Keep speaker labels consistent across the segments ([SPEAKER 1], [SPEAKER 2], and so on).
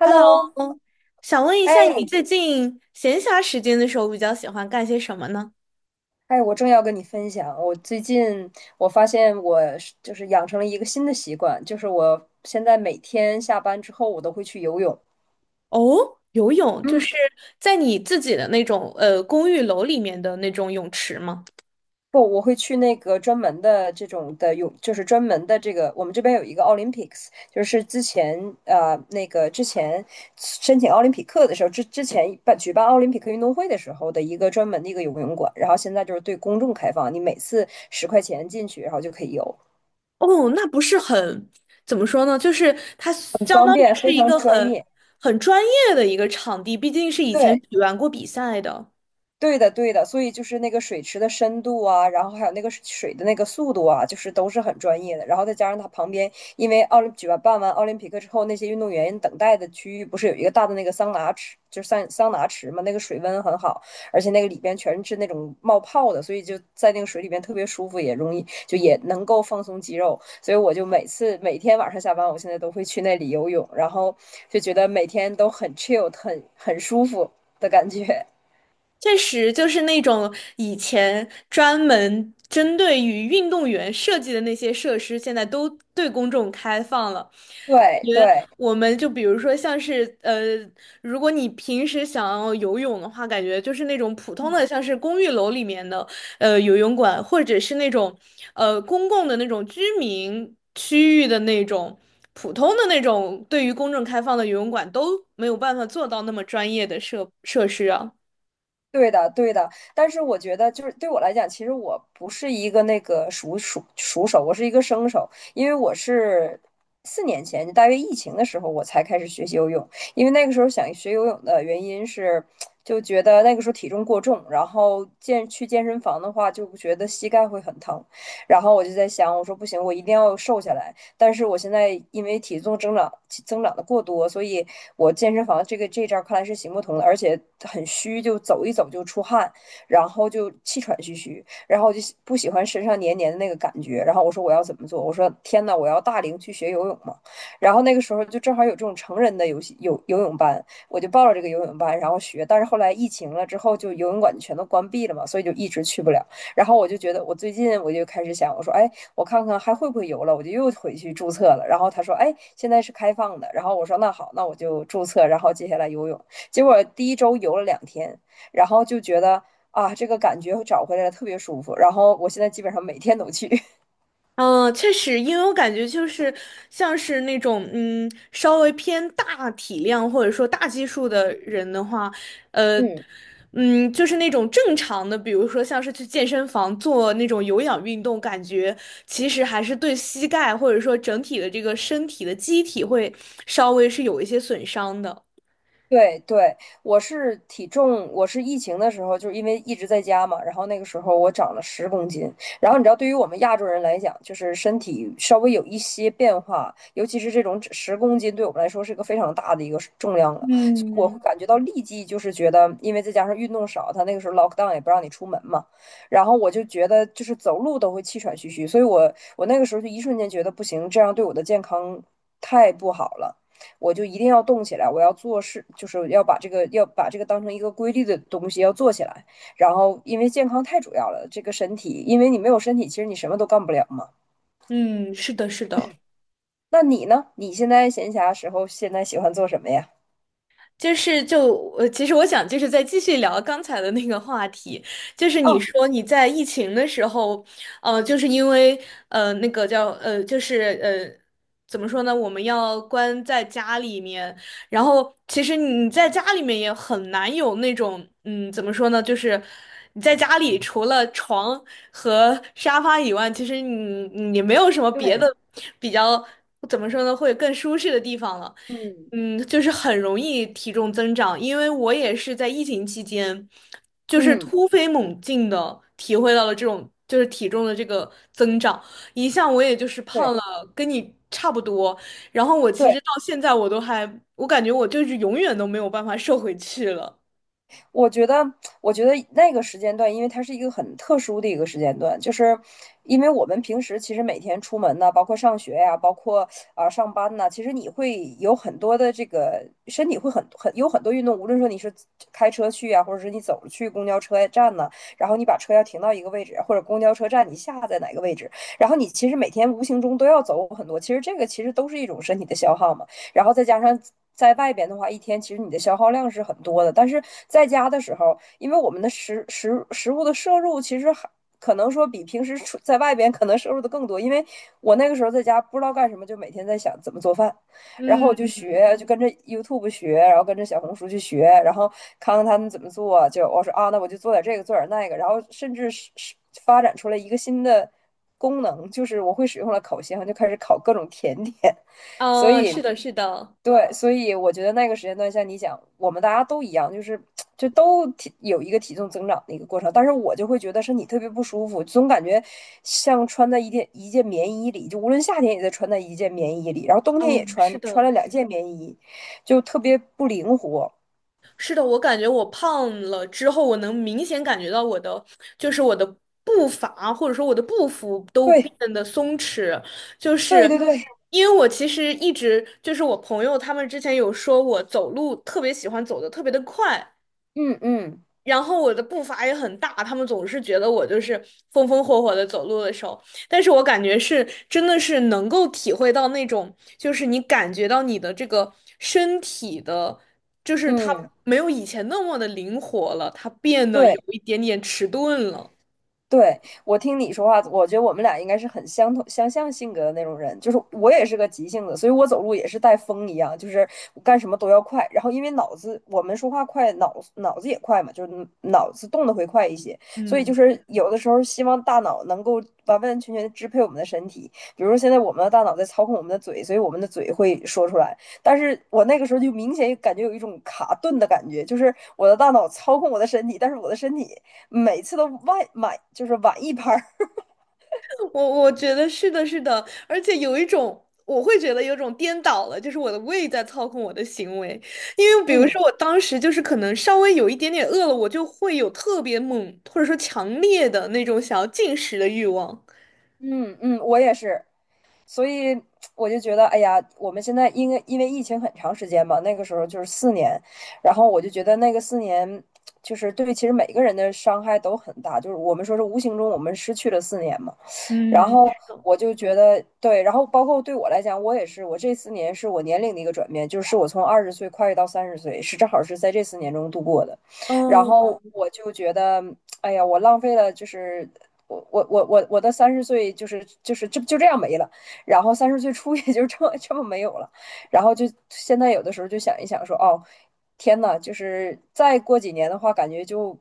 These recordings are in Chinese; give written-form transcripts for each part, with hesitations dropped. [SPEAKER 1] Hello，想问一下，你
[SPEAKER 2] 哎
[SPEAKER 1] 最近闲暇时间的时候比较喜欢干些什么呢？
[SPEAKER 2] 哎，我正要跟你分享，我最近，我发现就是养成了一个新的习惯，就是我现在每天下班之后我都会去游泳。
[SPEAKER 1] 哦，游泳，就
[SPEAKER 2] 嗯，
[SPEAKER 1] 是在你自己的那种公寓楼里面的那种泳池吗？
[SPEAKER 2] 不，我会去那个专门的这种的泳，就是专门的这个，我们这边有一个 Olympics，就是之前，那个之前申请奥林匹克的时候，之前举办奥林匹克运动会的时候的一个专门的一个游泳馆，然后现在就是对公众开放，你每次10块钱进去，然后就可以游。
[SPEAKER 1] 哦，那不是很，怎么说呢？就是它相
[SPEAKER 2] 方
[SPEAKER 1] 当于
[SPEAKER 2] 便，
[SPEAKER 1] 是
[SPEAKER 2] 非
[SPEAKER 1] 一
[SPEAKER 2] 常
[SPEAKER 1] 个
[SPEAKER 2] 专
[SPEAKER 1] 很
[SPEAKER 2] 业。
[SPEAKER 1] 很专业的一个场地，毕竟是以前
[SPEAKER 2] 对，
[SPEAKER 1] 举办过比赛的。
[SPEAKER 2] 对的，对的，所以就是那个水池的深度啊，然后还有那个水的那个速度啊，就是都是很专业的。然后再加上它旁边，因为举办完奥林匹克之后，那些运动员等待的区域不是有一个大的那个桑拿池，就是桑拿池嘛，那个水温很好，而且那个里边全是那种冒泡的，所以就在那个水里边特别舒服，也容易，就也能够放松肌肉。所以我就每天晚上下班，我现在都会去那里游泳，然后就觉得每天都很 chill，很舒服的感觉。
[SPEAKER 1] 确实，就是那种以前专门针对于运动员设计的那些设施，现在都对公众开放了。感
[SPEAKER 2] 对
[SPEAKER 1] 觉
[SPEAKER 2] 对，
[SPEAKER 1] 我们就比如说像是如果你平时想要游泳的话，感觉就是那种普通的，
[SPEAKER 2] 嗯，
[SPEAKER 1] 像是公寓楼里面的游泳馆，或者是那种公共的那种居民区域的那种普通的那种对于公众开放的游泳馆都没有办法做到那么专业的设施啊。
[SPEAKER 2] 对的对的。但是我觉得，就是对我来讲，其实我不是一个那个熟手，我是一个生手，因为我是4年前，就大约疫情的时候，我才开始学习游泳。因为那个时候想学游泳的原因是，就觉得那个时候体重过重，然后去健身房的话，就觉得膝盖会很疼。然后我就在想，我说不行，我一定要瘦下来。但是我现在因为体重增长的过多，所以我健身房这招看来是行不通的，而且很虚，就走一走就出汗，然后就气喘吁吁，然后就不喜欢身上黏黏的那个感觉。然后我说我要怎么做？我说天呐，我要大龄去学游泳嘛。然后那个时候就正好有这种成人的游戏游游泳班，我就报了这个游泳班，然后学。但是后来疫情了之后，就游泳馆全都关闭了嘛，所以就一直去不了。然后我就觉得，我最近我就开始想，我说，哎，我看看还会不会游了，我就又回去注册了。然后他说，哎，现在是开放的。然后我说，那好，那我就注册。然后接下来游泳，结果第一周游了2天，然后就觉得啊，这个感觉找回来了，特别舒服。然后我现在基本上每天都去。
[SPEAKER 1] 嗯，确实，因为我感觉就是像是那种稍微偏大体量或者说大基数的人的话，呃，
[SPEAKER 2] 嗯，
[SPEAKER 1] 就是那种正常的，比如说像是去健身房做那种有氧运动，感觉其实还是对膝盖或者说整体的这个身体的机体会稍微是有一些损伤的。
[SPEAKER 2] 对对，我是体重，我是疫情的时候，就是因为一直在家嘛，然后那个时候我长了十公斤。然后你知道，对于我们亚洲人来讲，就是身体稍微有一些变化，尤其是这种十公斤，对我们来说是一个非常大的一个重量了。所以我会
[SPEAKER 1] 嗯
[SPEAKER 2] 感觉到立即就是觉得，因为再加上运动少，他那个时候 lockdown 也不让你出门嘛，然后我就觉得就是走路都会气喘吁吁，所以我那个时候就一瞬间觉得不行，这样对我的健康太不好了。我就一定要动起来，我要做事，就是要把这个要把这个当成一个规律的东西要做起来。然后，因为健康太主要了，这个身体，因为你没有身体，其实你什么都干不了嘛。
[SPEAKER 1] 嗯，是的，是的。
[SPEAKER 2] 那你呢？你现在闲暇时候现在喜欢做什么呀？
[SPEAKER 1] 就是，其实我想就是再继续聊刚才的那个话题，就是你
[SPEAKER 2] 哦，
[SPEAKER 1] 说你在疫情的时候，就是因为那个叫就是怎么说呢，我们要关在家里面，然后其实你在家里面也很难有那种，怎么说呢，就是你在家里除了床和沙发以外，其实你没有什么别的
[SPEAKER 2] 对，
[SPEAKER 1] 比较，怎么说呢，会更舒适的地方了。
[SPEAKER 2] 嗯
[SPEAKER 1] 嗯，就是很容易体重增长，因为我也是在疫情期间，就是
[SPEAKER 2] 嗯，
[SPEAKER 1] 突飞猛进的体会到了这种就是体重的这个增长，一向我也就是
[SPEAKER 2] 对
[SPEAKER 1] 胖了跟你差不多，然后我其
[SPEAKER 2] 对。
[SPEAKER 1] 实到现在我都还，我感觉我就是永远都没有办法瘦回去了。
[SPEAKER 2] 我觉得，我觉得那个时间段，因为它是一个很特殊的一个时间段，就是因为我们平时其实每天出门呢，包括上学呀、包括啊、上班呐，其实你会有很多的这个身体会很有很多运动，无论说你是开车去啊，或者是你走着去公交车站呢，然后你把车要停到一个位置，或者公交车站你下在哪个位置，然后你其实每天无形中都要走很多，其实这个其实都是一种身体的消耗嘛。然后再加上在外边的话，一天其实你的消耗量是很多的。但是在家的时候，因为我们的食物的摄入其实还可能说比平时出在外边可能摄入的更多，因为我那个时候在家不知道干什么，就每天在想怎么做饭，然后我就
[SPEAKER 1] 嗯，
[SPEAKER 2] 学，就跟着 YouTube 学，然后跟着小红书去学，然后看看他们怎么做，就我说啊，那我就做点这个，做点那个，然后甚至是发展出来一个新的功能，就是我会使用了烤箱，就开始烤各种甜点。所
[SPEAKER 1] 啊，
[SPEAKER 2] 以
[SPEAKER 1] 是的，是的，
[SPEAKER 2] 对，所以我觉得那个时间段像你想，我们大家都一样，就是就都有一个体重增长的一个过程，但是我就会觉得身体特别不舒服，总感觉像穿在一件一件棉衣里，就无论夏天也在穿在一件棉衣里，然后冬天也
[SPEAKER 1] 嗯，
[SPEAKER 2] 穿
[SPEAKER 1] 是
[SPEAKER 2] 穿
[SPEAKER 1] 的，
[SPEAKER 2] 了2件棉衣，就特别不灵活。
[SPEAKER 1] 是的，我感觉我胖了之后，我能明显感觉到我的，就是我的步伐或者说我的步幅都
[SPEAKER 2] 对，
[SPEAKER 1] 变得松弛，就
[SPEAKER 2] 对
[SPEAKER 1] 是
[SPEAKER 2] 对对，
[SPEAKER 1] 因为我其实一直就是我朋友他们之前有说我走路特别喜欢走的特别的快，
[SPEAKER 2] 嗯嗯
[SPEAKER 1] 然后我的步伐也很大，他们总是觉得我就是风风火火的走路的时候，但是我感觉是真的是能够体会到那种，就是你感觉到你的这个身体的，就是它
[SPEAKER 2] 嗯，
[SPEAKER 1] 没有以前那么的灵活了，它变得
[SPEAKER 2] 对。
[SPEAKER 1] 有一点点迟钝了。
[SPEAKER 2] 对，我听你说话，我觉得我们俩应该是很相同、相像性格的那种人。就是我也是个急性子，所以我走路也是带风一样，就是我干什么都要快。然后因为脑子，我们说话快，脑子也快嘛，就是脑子动得会快一些。所以
[SPEAKER 1] 嗯。
[SPEAKER 2] 就是有的时候希望大脑能够完完全全地支配我们的身体。比如说现在我们的大脑在操控我们的嘴，所以我们的嘴会说出来。但是我那个时候就明显感觉有一种卡顿的感觉，就是我的大脑操控我的身体，但是我的身体每次都就是晚一拍。
[SPEAKER 1] 我觉得是的，是的，而且有一种，我会觉得有种颠倒了，就是我的胃在操控我的行为，因为 比如
[SPEAKER 2] 嗯
[SPEAKER 1] 说我当时就是可能稍微有一点点饿了，我就会有特别猛或者说强烈的那种想要进食的欲望。
[SPEAKER 2] 嗯嗯，我也是，所以我就觉得，哎呀，我们现在因为疫情很长时间嘛，那个时候就是四年，然后我就觉得那个四年就是对其实每个人的伤害都很大，就是我们说是无形中我们失去了四年嘛，然
[SPEAKER 1] 嗯，
[SPEAKER 2] 后
[SPEAKER 1] 是的
[SPEAKER 2] 我就觉得对，然后包括对我来讲，我也是，我这四年是我年龄的一个转变，就是我从二十岁跨越到三十岁，是正好是在这四年中度过的。然后
[SPEAKER 1] 嗯，
[SPEAKER 2] 我就觉得，哎呀，我浪费了，就是我的三十岁，就是这样没了，然后三十岁初也就这么没有了，然后就现在有的时候就想一想说，哦，天呐，就是再过几年的话，感觉就。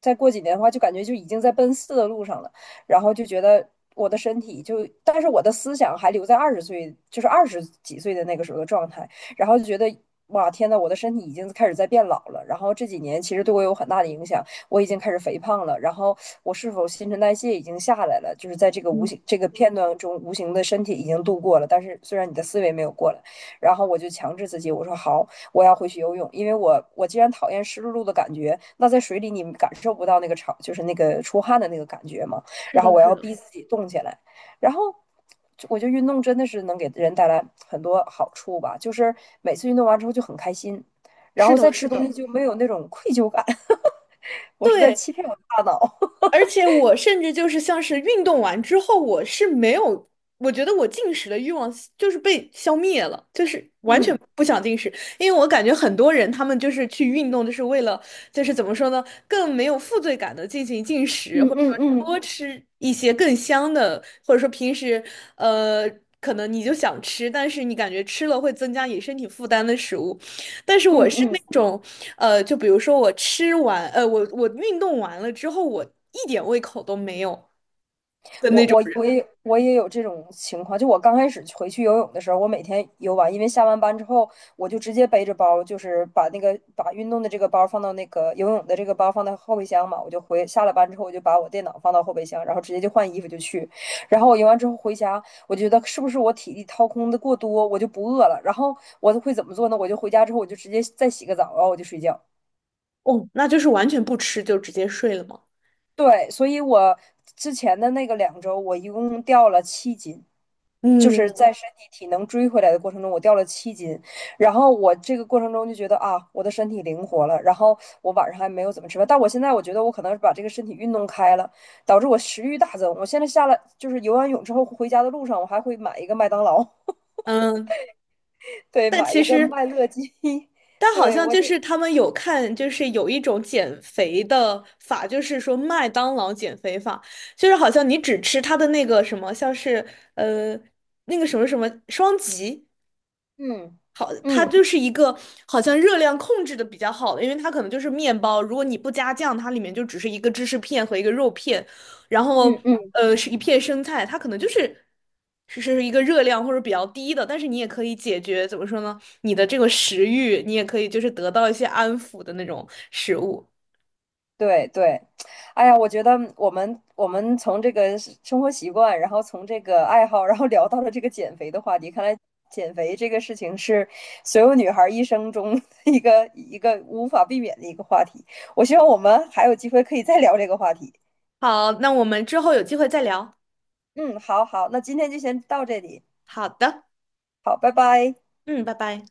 [SPEAKER 2] 再过几年的话，就感觉就已经在奔四的路上了。然后就觉得我的身体就，但是我的思想还留在二十岁，就是20几岁的那个时候的状态，然后就觉得。哇，天呐，我的身体已经开始在变老了，然后这几年其实对我有很大的影响，我已经开始肥胖了，然后我是否新陈代谢已经下来了，就是在这个无
[SPEAKER 1] 嗯，
[SPEAKER 2] 形这个片段中，无形的身体已经度过了，但是虽然你的思维没有过来，然后我就强制自己，我说好，我要回去游泳，因为我既然讨厌湿漉漉的感觉，那在水里你感受不到那个潮，就是那个出汗的那个感觉嘛，
[SPEAKER 1] 是
[SPEAKER 2] 然后
[SPEAKER 1] 的，
[SPEAKER 2] 我
[SPEAKER 1] 是
[SPEAKER 2] 要
[SPEAKER 1] 的，
[SPEAKER 2] 逼自己动起来，然后我觉得运动真的是能给人带来很多好处吧，就是每次运动完之后就很开心，然
[SPEAKER 1] 是
[SPEAKER 2] 后
[SPEAKER 1] 的，
[SPEAKER 2] 再
[SPEAKER 1] 是
[SPEAKER 2] 吃
[SPEAKER 1] 的，
[SPEAKER 2] 东西
[SPEAKER 1] 嗯
[SPEAKER 2] 就没有那种愧疚感。我是在
[SPEAKER 1] 对，
[SPEAKER 2] 欺骗我的大脑。
[SPEAKER 1] 而且我甚至就是像是运动完之后，我是没有，我觉得我进食的欲望就是被消灭了，就是完全
[SPEAKER 2] 嗯
[SPEAKER 1] 不想进食，因为我感觉很多人他们就是去运动，就是为了就是怎么说呢，更没有负罪感的进行进食，
[SPEAKER 2] 嗯
[SPEAKER 1] 或者
[SPEAKER 2] 嗯
[SPEAKER 1] 说
[SPEAKER 2] 嗯
[SPEAKER 1] 多吃一些更香的，或者说平时呃可能你就想吃，但是你感觉吃了会增加你身体负担的食物，但是我
[SPEAKER 2] 嗯
[SPEAKER 1] 是那
[SPEAKER 2] 嗯，
[SPEAKER 1] 种，就比如说我吃完，我运动完了之后，我一点胃口都没有的
[SPEAKER 2] 我
[SPEAKER 1] 那种
[SPEAKER 2] 我
[SPEAKER 1] 人。
[SPEAKER 2] 我也我也有这种情况，就我刚开始回去游泳的时候，我每天游完，因为下完班之后，我就直接背着包，就是把那个把运动的这个包放到那个游泳的这个包放到后备箱嘛，我就回下了班之后，我就把我电脑放到后备箱，然后直接就换衣服就去，然后我游完之后回家，我觉得是不是我体力掏空的过多，我就不饿了，然后我会怎么做呢？我就回家之后我就直接再洗个澡，然后我就睡觉。
[SPEAKER 1] 哦，那就是完全不吃就直接睡了吗？
[SPEAKER 2] 对，所以我之前的那个2周，我一共掉了七斤，就
[SPEAKER 1] 嗯
[SPEAKER 2] 是在身体体能追回来的过程中，我掉了七斤。然后我这个过程中就觉得啊，我的身体灵活了。然后我晚上还没有怎么吃饭，但我现在我觉得我可能是把这个身体运动开了，导致我食欲大增。我现在下来就是游完泳之后回家的路上，我还会买一个麦当劳，
[SPEAKER 1] 嗯，
[SPEAKER 2] 对，
[SPEAKER 1] 但
[SPEAKER 2] 买
[SPEAKER 1] 其
[SPEAKER 2] 一个
[SPEAKER 1] 实，
[SPEAKER 2] 麦乐鸡，
[SPEAKER 1] 但好
[SPEAKER 2] 对
[SPEAKER 1] 像
[SPEAKER 2] 我
[SPEAKER 1] 就
[SPEAKER 2] 就
[SPEAKER 1] 是他们有看，就是有一种减肥的法，就是说麦当劳减肥法，就是好像你只吃它的那个什么，像是呃那个什么什么双极。
[SPEAKER 2] 嗯
[SPEAKER 1] 好，它
[SPEAKER 2] 嗯
[SPEAKER 1] 就是一个好像热量控制的比较好的，因为它可能就是面包，如果你不加酱，它里面就只是一个芝士片和一个肉片，然后
[SPEAKER 2] 嗯嗯。
[SPEAKER 1] 是一片生菜，它可能就是是一个热量或者比较低的，但是你也可以解决怎么说呢，你的这个食欲，你也可以就是得到一些安抚的那种食物。
[SPEAKER 2] 对对，哎呀，我觉得我们从这个是生活习惯，然后从这个爱好，然后聊到了这个减肥的话题。看来减肥这个事情是所有女孩儿一生中 一个无法避免的一个话题。我希望我们还有机会可以再聊这个话题。
[SPEAKER 1] 好，那我们之后有机会再聊。
[SPEAKER 2] 嗯，好好，那今天就先到这里，
[SPEAKER 1] 好的，
[SPEAKER 2] 好，拜拜。
[SPEAKER 1] 嗯，拜拜。